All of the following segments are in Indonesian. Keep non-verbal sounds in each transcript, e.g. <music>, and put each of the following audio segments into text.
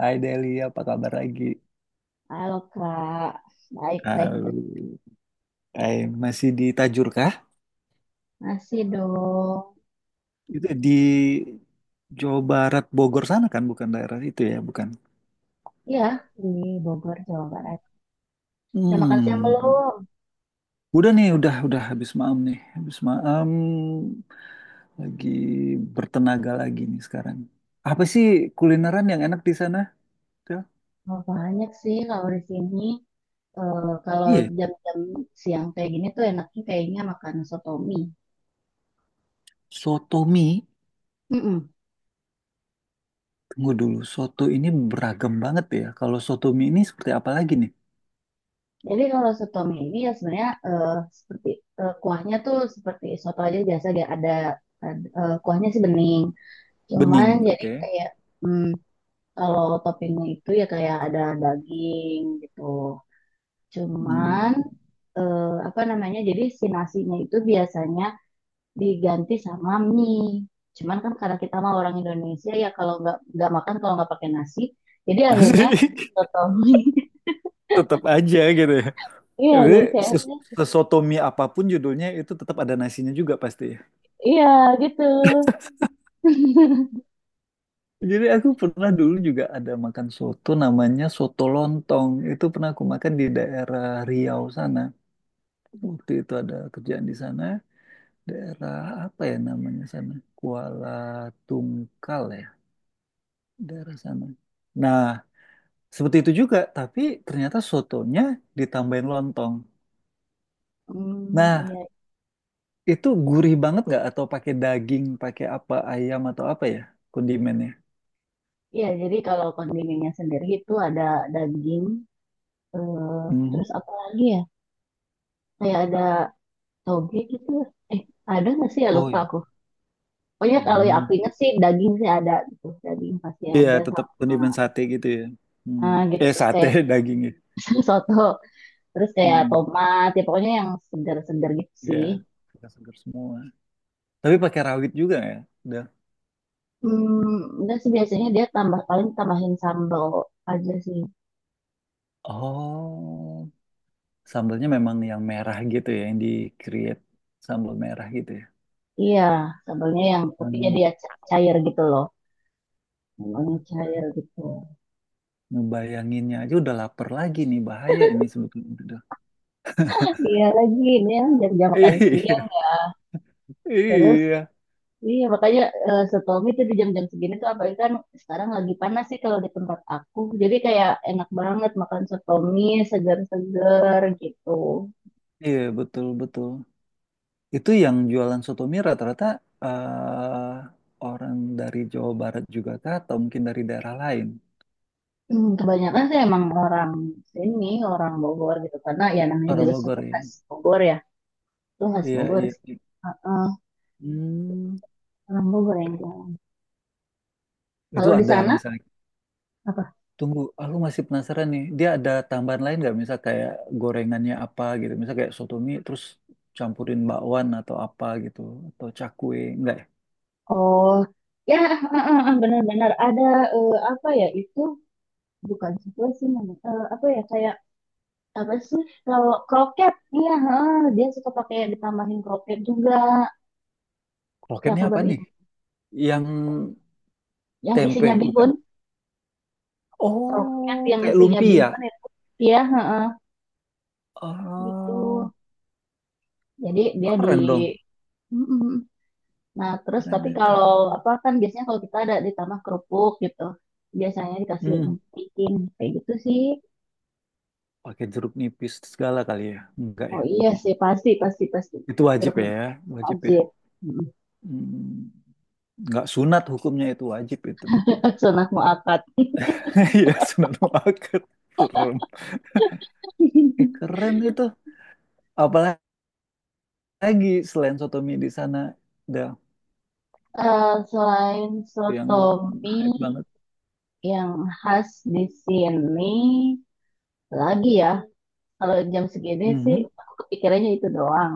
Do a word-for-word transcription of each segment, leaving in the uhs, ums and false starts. Hai Deli, apa kabar lagi? Halo Kak, baik-baik. Halo. Hai, masih di Tajur kah? Masih dong. Itu di Jawa Barat, Bogor sana kan, bukan daerah itu ya, bukan? Iya, di Bogor, Jawa Barat. Udah makan siang Hmm. belum? Udah nih, udah udah habis maam nih. Habis maam lagi bertenaga lagi nih sekarang. Apa sih kulineran yang enak di sana? Del? Oh, banyak sih kalau di sini. Eh, kalau Iya, jam-jam siang kayak gini tuh enaknya kayaknya makan soto mie. soto mie. Mm-mm. Tunggu dulu, soto ini beragam banget ya. Kalau soto mie ini seperti apa lagi nih? Jadi kalau soto mie ini ya sebenarnya eh, seperti eh, kuahnya tuh seperti soto aja biasa dia ada, ada, eh, kuahnya sih bening. Cuman Bening, jadi oke. kayak hmm, kalau toppingnya itu ya kayak ada daging gitu. Cuman Hmm. eh, apa namanya? Jadi si nasinya itu biasanya diganti sama mie. Cuman kan karena kita mah orang Indonesia ya kalau nggak nggak makan kalau nggak pakai nasi, jadi <laughs> akhirnya Asik. soto mie. <laughs> Tetap aja gitu ya. Iya, Jadi jadi ses- kayaknya sesoto mie apapun judulnya itu tetap ada nasinya juga pasti. iya gitu. <laughs> Jadi aku pernah dulu juga ada makan soto namanya soto lontong. Itu pernah aku makan di daerah Riau sana. Waktu itu ada kerjaan di sana. Daerah apa ya namanya sana? Kuala Tungkal ya. Daerah sana. Nah, seperti itu juga. Tapi ternyata sotonya ditambahin lontong. Hmm, Nah, iya, itu gurih banget nggak? Atau pakai daging, pakai apa, ayam atau apa ya kondimennya? iya. Jadi kalau kondimennya sendiri itu ada daging, eh, terus Mhm. apa lagi ya? Kayak ada toge gitu. Eh, ada nggak sih ya Oh lupa iya. aku. Pokoknya kalau yang Hmm. aku ingat sih daging sih ada gitu, daging pasti Iya, ada tetap kondimen sama sate gitu ya. Hmm. eh, gitu Eh terus Sate kayak <laughs> dagingnya. <laughs> soto, terus kayak Hmm. tomat, ya pokoknya yang segar-segar gitu Ya, sih. segar semua. Tapi pakai rawit juga ya? Udah. Hmm, udah sih biasanya dia tambah paling tambahin sambal aja sih. Oh, sambalnya memang yang merah gitu ya, yang di create sambal merah gitu ya. Iya, sambalnya yang tepinya Hmm. dia ca- cair gitu loh. Sambalnya cair gitu. Ngebayanginnya aja udah lapar lagi nih, bahaya ini sebetulnya. Udah. <laughs> Iya lagi ini yang jam-jam makan <laughs> siang Iya, terus iya, iya, makanya eh, setau itu di jam-jam segini tuh apalagi kan sekarang lagi panas sih kalau di tempat aku. Jadi kayak enak banget makan soto mie segar-segar gitu. iya, betul betul. Itu yang jualan soto mie rata-rata eh, orang dari Jawa Barat juga kah atau mungkin dari daerah lain? Hmm, kebanyakan sih emang orang sini, orang Bogor gitu. Karena ya namanya Orang juga Bogor soto ya. khas Bogor ya. Itu khas Iya, Bogor iya, sih. iya. Heeh, Hmm. orang Bogor yang Oke. jual. Itu Kalau di ada sana misalnya. apa? Tunggu, aku masih penasaran nih. Dia ada tambahan lain nggak? Misal kayak gorengannya apa gitu. Misal kayak soto mie terus campurin bakwan atau apa gitu. Atau cakwe. Enggak ya? Oh, ya heeh, heeh, benar-benar ada eh, apa ya itu bukan soto sih namanya. Eh, apa ya kayak apa sih, kalau kroket iya heeh, dia suka pakai ditambahin kroket juga. Ya Kroketnya aku apa baru nih? ingat, Yang yang isinya tempe, bihun, bukan? kroket Oh, yang kayak isinya lumpia. bihun itu, iya heeh, gitu Oh, jadi dia di keren dong. Mm-mm. nah terus Keren tapi itu. kalau apa, kan biasanya kalau kita ada ditambah kerupuk gitu biasanya dikasih Hmm, emping kayak gitu sih. pakai jeruk nipis segala kali ya? Enggak Oh ya? iya sih, pasti pasti pasti, Itu wajib jeruk ya, nipis wajib ya. wajib. Mm. Hmm, enggak sunat hukumnya, itu wajib itu. <laughs> Sunah muakat. <laughs> <laughs> Iya, sunat muakkad. Serem. Eh, keren itu. Apalagi selain soto sotomi di sana, dah Eh, selain yang sotomi, hype banget. yang khas di sini lagi ya, kalau jam segini sih Mhm. aku kepikirannya itu doang.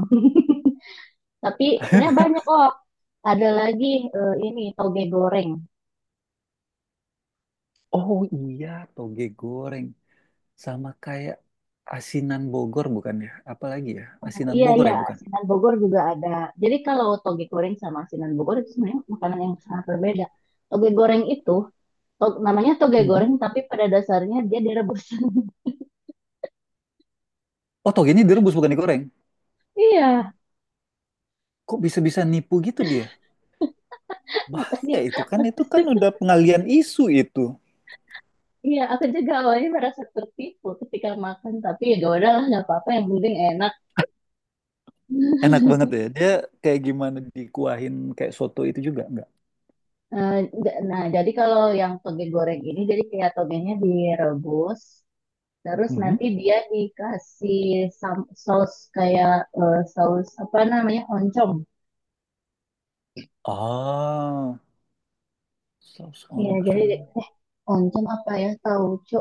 Tapi sebenarnya <laughs> banyak kok. Ada lagi eh, ini toge goreng. Oh iya, toge goreng sama kayak asinan Bogor bukan ya? Apalagi ya, Nah, asinan iya Bogor iya, ya bukan? asinan Bogor juga ada. Jadi kalau toge goreng sama asinan Bogor itu sebenarnya makanan yang sangat berbeda. Toge goreng itu, to- namanya toge Mhm. goreng tapi pada dasarnya dia direbus. <laughs> Oh toge ini direbus bukan digoreng. Iya, Kok bisa-bisa nipu gitu dia? makanya Bahaya itu kan, itu kan udah pengalian isu itu. iya aku juga awalnya merasa tertipu ketika makan tapi ya udahlah nggak apa-apa yang penting enak. Enak banget ya, dia kayak gimana dikuahin kayak soto itu juga, enggak? Eh, d- Nah, jadi kalau yang toge goreng ini, jadi kayak togenya direbus, terus Mhm. nanti dia dikasih sam- saus kayak eh, saus apa namanya, oncom. Ah, saus Iya, jadi oncom. eh oncom apa ya? Tauco.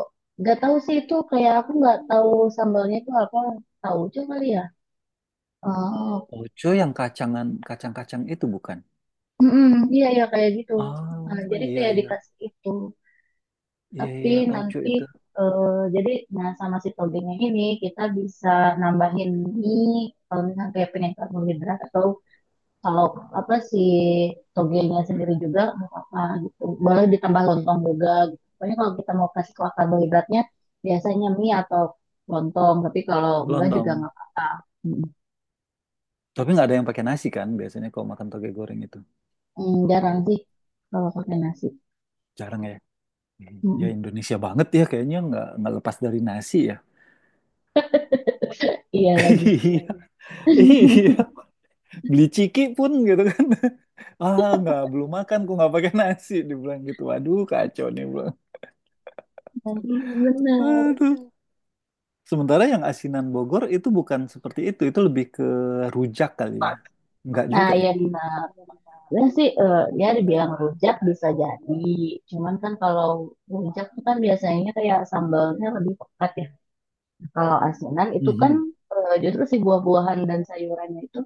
Gak tahu sih itu kayak aku nggak tahu sambalnya itu apa. Tauco kali ya. Oh, Oco yang kacangan, kacang-kacang itu bukan? mm-mm, iya ya kayak gitu. Nah, Oh jadi iya kayak iya dikasih itu. iya Tapi iya, tauco nanti itu eh, jadi nah sama si togenya ini kita bisa nambahin mie kalau misalnya kayak pengen karbohidrat, atau kalau apa si togenya sendiri juga nggak apa gitu. Boleh ditambah lontong juga gitu. Pokoknya kalau kita mau kasih kuah karbohidratnya biasanya mie atau lontong, tapi kalau enggak juga lontong. nggak apa-apa. Mm, Tapi nggak ada yang pakai nasi kan biasanya kalau makan toge goreng itu mm, jarang sih kalau pakai nasi. jarang ya. Mm, Iya mm. Indonesia banget ya kayaknya nggak nggak lepas dari nasi ya. Iya lagi. <laughs> Iya iya, beli ciki pun gitu kan, <laughs> ah nggak belum makan kok nggak pakai nasi dibilang gitu, waduh kacau nih bilang Nah, iya benar. aduh. Sementara yang asinan Bogor itu bukan seperti itu itu lebih ke rujak kali ya, nggak Nah, juga ya. ya Dina. Sebenarnya sih eh, dia dibilang rujak bisa jadi. Cuman kan kalau rujak tuh kan biasanya kayak sambalnya lebih pekat ya. Kalau asinan itu kan Mhm. eh, justru si buah-buahan dan sayurannya itu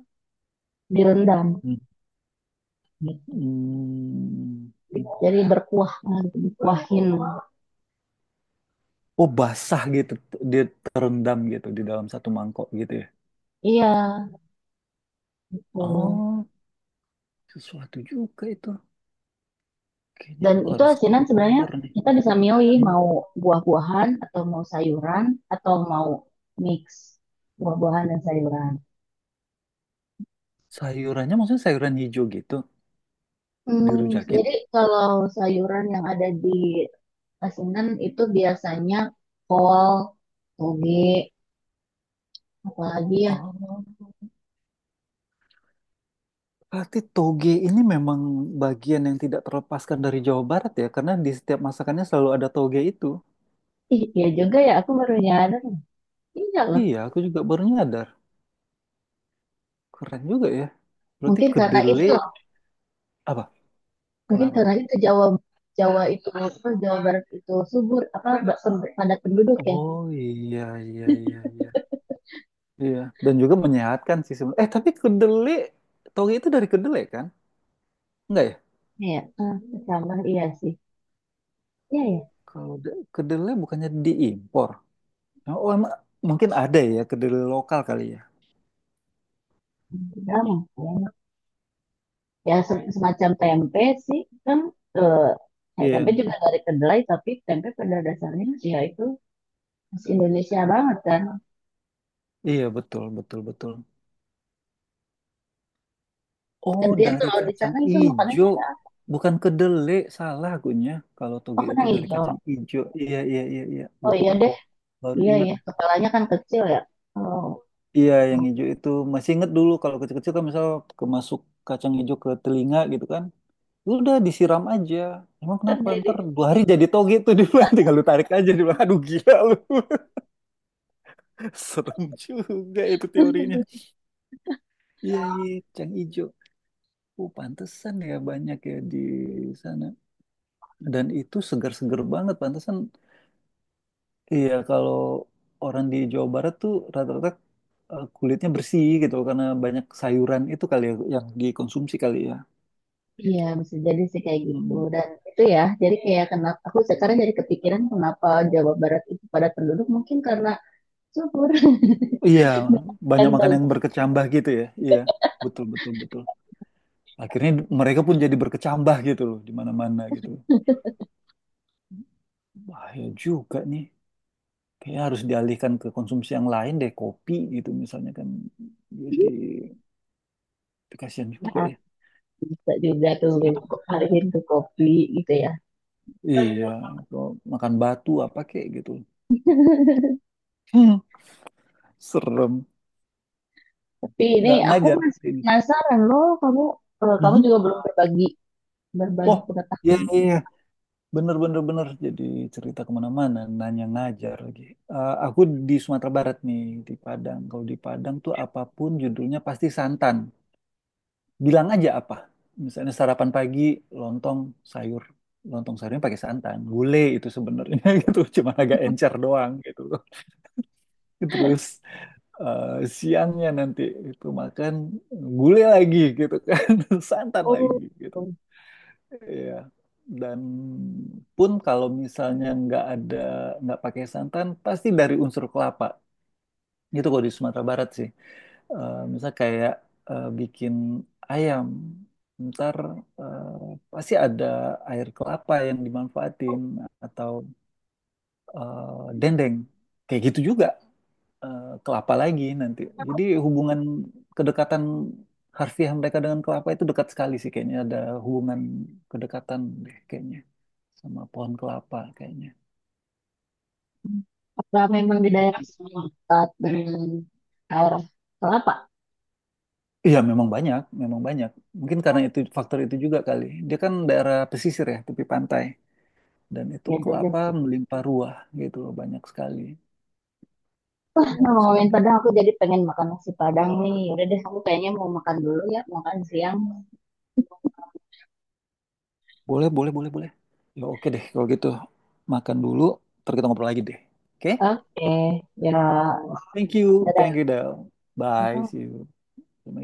direndam Mhm. gitu. Hmm. Jadi berkuah gitu, dikuahin. Oh basah gitu, dia terendam gitu di dalam satu mangkok gitu ya. Iya, gitu. Oh sesuatu juga itu, kayaknya Dan aku itu harus ke asinan sebenarnya Bogor nih. kita bisa milih Hmm. mau buah-buahan atau mau sayuran atau mau mix buah-buahan dan sayuran. Sayurannya maksudnya sayuran hijau gitu, Hmm, dirujakin? jadi kalau sayuran yang ada di asinan itu biasanya kol, toge, apalagi ya. Oh. Berarti toge ini memang bagian yang tidak terlepaskan dari Jawa Barat ya, karena di setiap masakannya selalu ada toge itu. Ih, iya juga ya, aku baru nyadar. Iya loh. Iya, aku juga baru nyadar. Keren juga ya. Berarti Mungkin karena itu kedelai loh. apa? Mungkin Kenapa? karena itu Jawa Jawa itu apa, Jawa Barat itu subur apa ba- pem- padat penduduk ya. Oh iya iya iya iya. Iya, dan juga menyehatkan sih sebenarnya. Eh, tapi kedelai, toge itu dari kedelai kan? Enggak ya? Iya, ah, sama iya sih. Iya ya. Kalau da- kedelai bukannya diimpor. Oh, emang mungkin ada ya kedelai lokal kali ya. Sama, sama. Ya se- semacam tempe sih kan, eh, ya, tempe Iya, juga dari kedelai tapi tempe pada dasarnya ya itu khas Indonesia banget kan. iya betul betul betul. Oh, Gantian dari kalau di kacang sana itu makanan. ijo. Bukan kedelai, salah akunya. Kalau Oh, toge itu kena dari hijau. kacang ijo. Iya, iya, iya, iya. Oh iya Lupa. deh. Baru Iya inget. ya, kepalanya kan kecil ya. Oh, Iya, yang oh. ijo itu. Masih inget dulu kalau kecil-kecil kan misal kemasuk kacang ijo ke telinga gitu kan. Udah disiram aja. Emang Kan kenapa? dari Ntar dua hari jadi toge tuh di bulan. <laughs> Tinggal lu tarik aja. Di bulan. Aduh gila lu. <laughs> Serem juga itu teorinya. Iya, iya. Kacang ijo. Oh, pantesan ya banyak ya di sana. Dan itu segar-segar banget, pantesan. Iya, kalau orang di Jawa Barat tuh rata-rata eh, kulitnya bersih gitu karena banyak sayuran itu kali ya yang dikonsumsi kali ya. iya, bisa jadi sih kayak gitu. Hmm. Dan itu ya, jadi kayak kenapa aku sekarang jadi kepikiran kenapa Jawa Barat itu padat penduduk mungkin karena subur. Iya, <laughs> Kan banyak tuh makan yang berkecambah gitu ya. Iya, betul betul betul. Akhirnya d- mereka pun jadi berkecambah gitu loh di mana-mana gitu. Bahaya juga nih. Kayaknya harus dialihkan ke konsumsi yang lain deh, kopi gitu misalnya kan. Jadi kasihan juga nah, ya. bisa juga tuh Enak banget alihin gitu. ke kopi gitu ya. Iya, kalau makan batu apa kek gitu. Hmm, serem. Tapi ini Nggak aku ngajar masih ini. penasaran loh, kamu eh, kamu Mhm. juga belum berbagi berbagi Oh, iya pengetahuan. iya iya. Bener bener bener. Jadi cerita kemana-mana, nanya ngajar lagi. Eh, aku di Sumatera Barat nih, di Padang. Kalau di Padang tuh apapun judulnya pasti santan. Bilang aja apa. Misalnya sarapan pagi, lontong sayur, lontong sayurnya pakai santan. Gulai itu sebenarnya <laughs> gitu, cuma agak encer doang gitu. Terus eh, siangnya nanti itu makan gulai lagi gitu kan, <laughs> santan lagi Oh, gitu. Iya. Dan pun kalau misalnya nggak ada, nggak pakai santan, pasti dari unsur kelapa. Itu kalau di Sumatera Barat sih. Eh misal kayak eh, bikin ayam, ntar eh, pasti ada air kelapa yang dimanfaatin atau eh, dendeng. Kayak gitu juga eh, kelapa lagi nanti. Jadi hubungan kedekatan harfiah mereka dengan kelapa itu dekat sekali sih kayaknya, ada hubungan kedekatan deh kayaknya sama pohon kelapa kayaknya. apa memang di Kayak daerah gitu. sana dekat dengan daerah kelapa? Iya memang banyak, memang banyak. Mungkin karena itu faktor itu juga kali. Dia kan daerah pesisir ya, tepi pantai dan itu Ya juga kelapa sih. melimpah ruah gitu loh, banyak sekali. Nah, Banyak ngomongin sekali. Padang aku jadi pengen makan nasi Padang nih. Ya udah deh aku kayaknya mau makan dulu ya, makan siang. Boleh, boleh, boleh, boleh. Ya oke deh kalau gitu. Makan dulu, ntar kita ngobrol lagi deh. Oke? Oke ya, Thank you, thank dadah. you Del. Bye, see you. Assalamualaikum.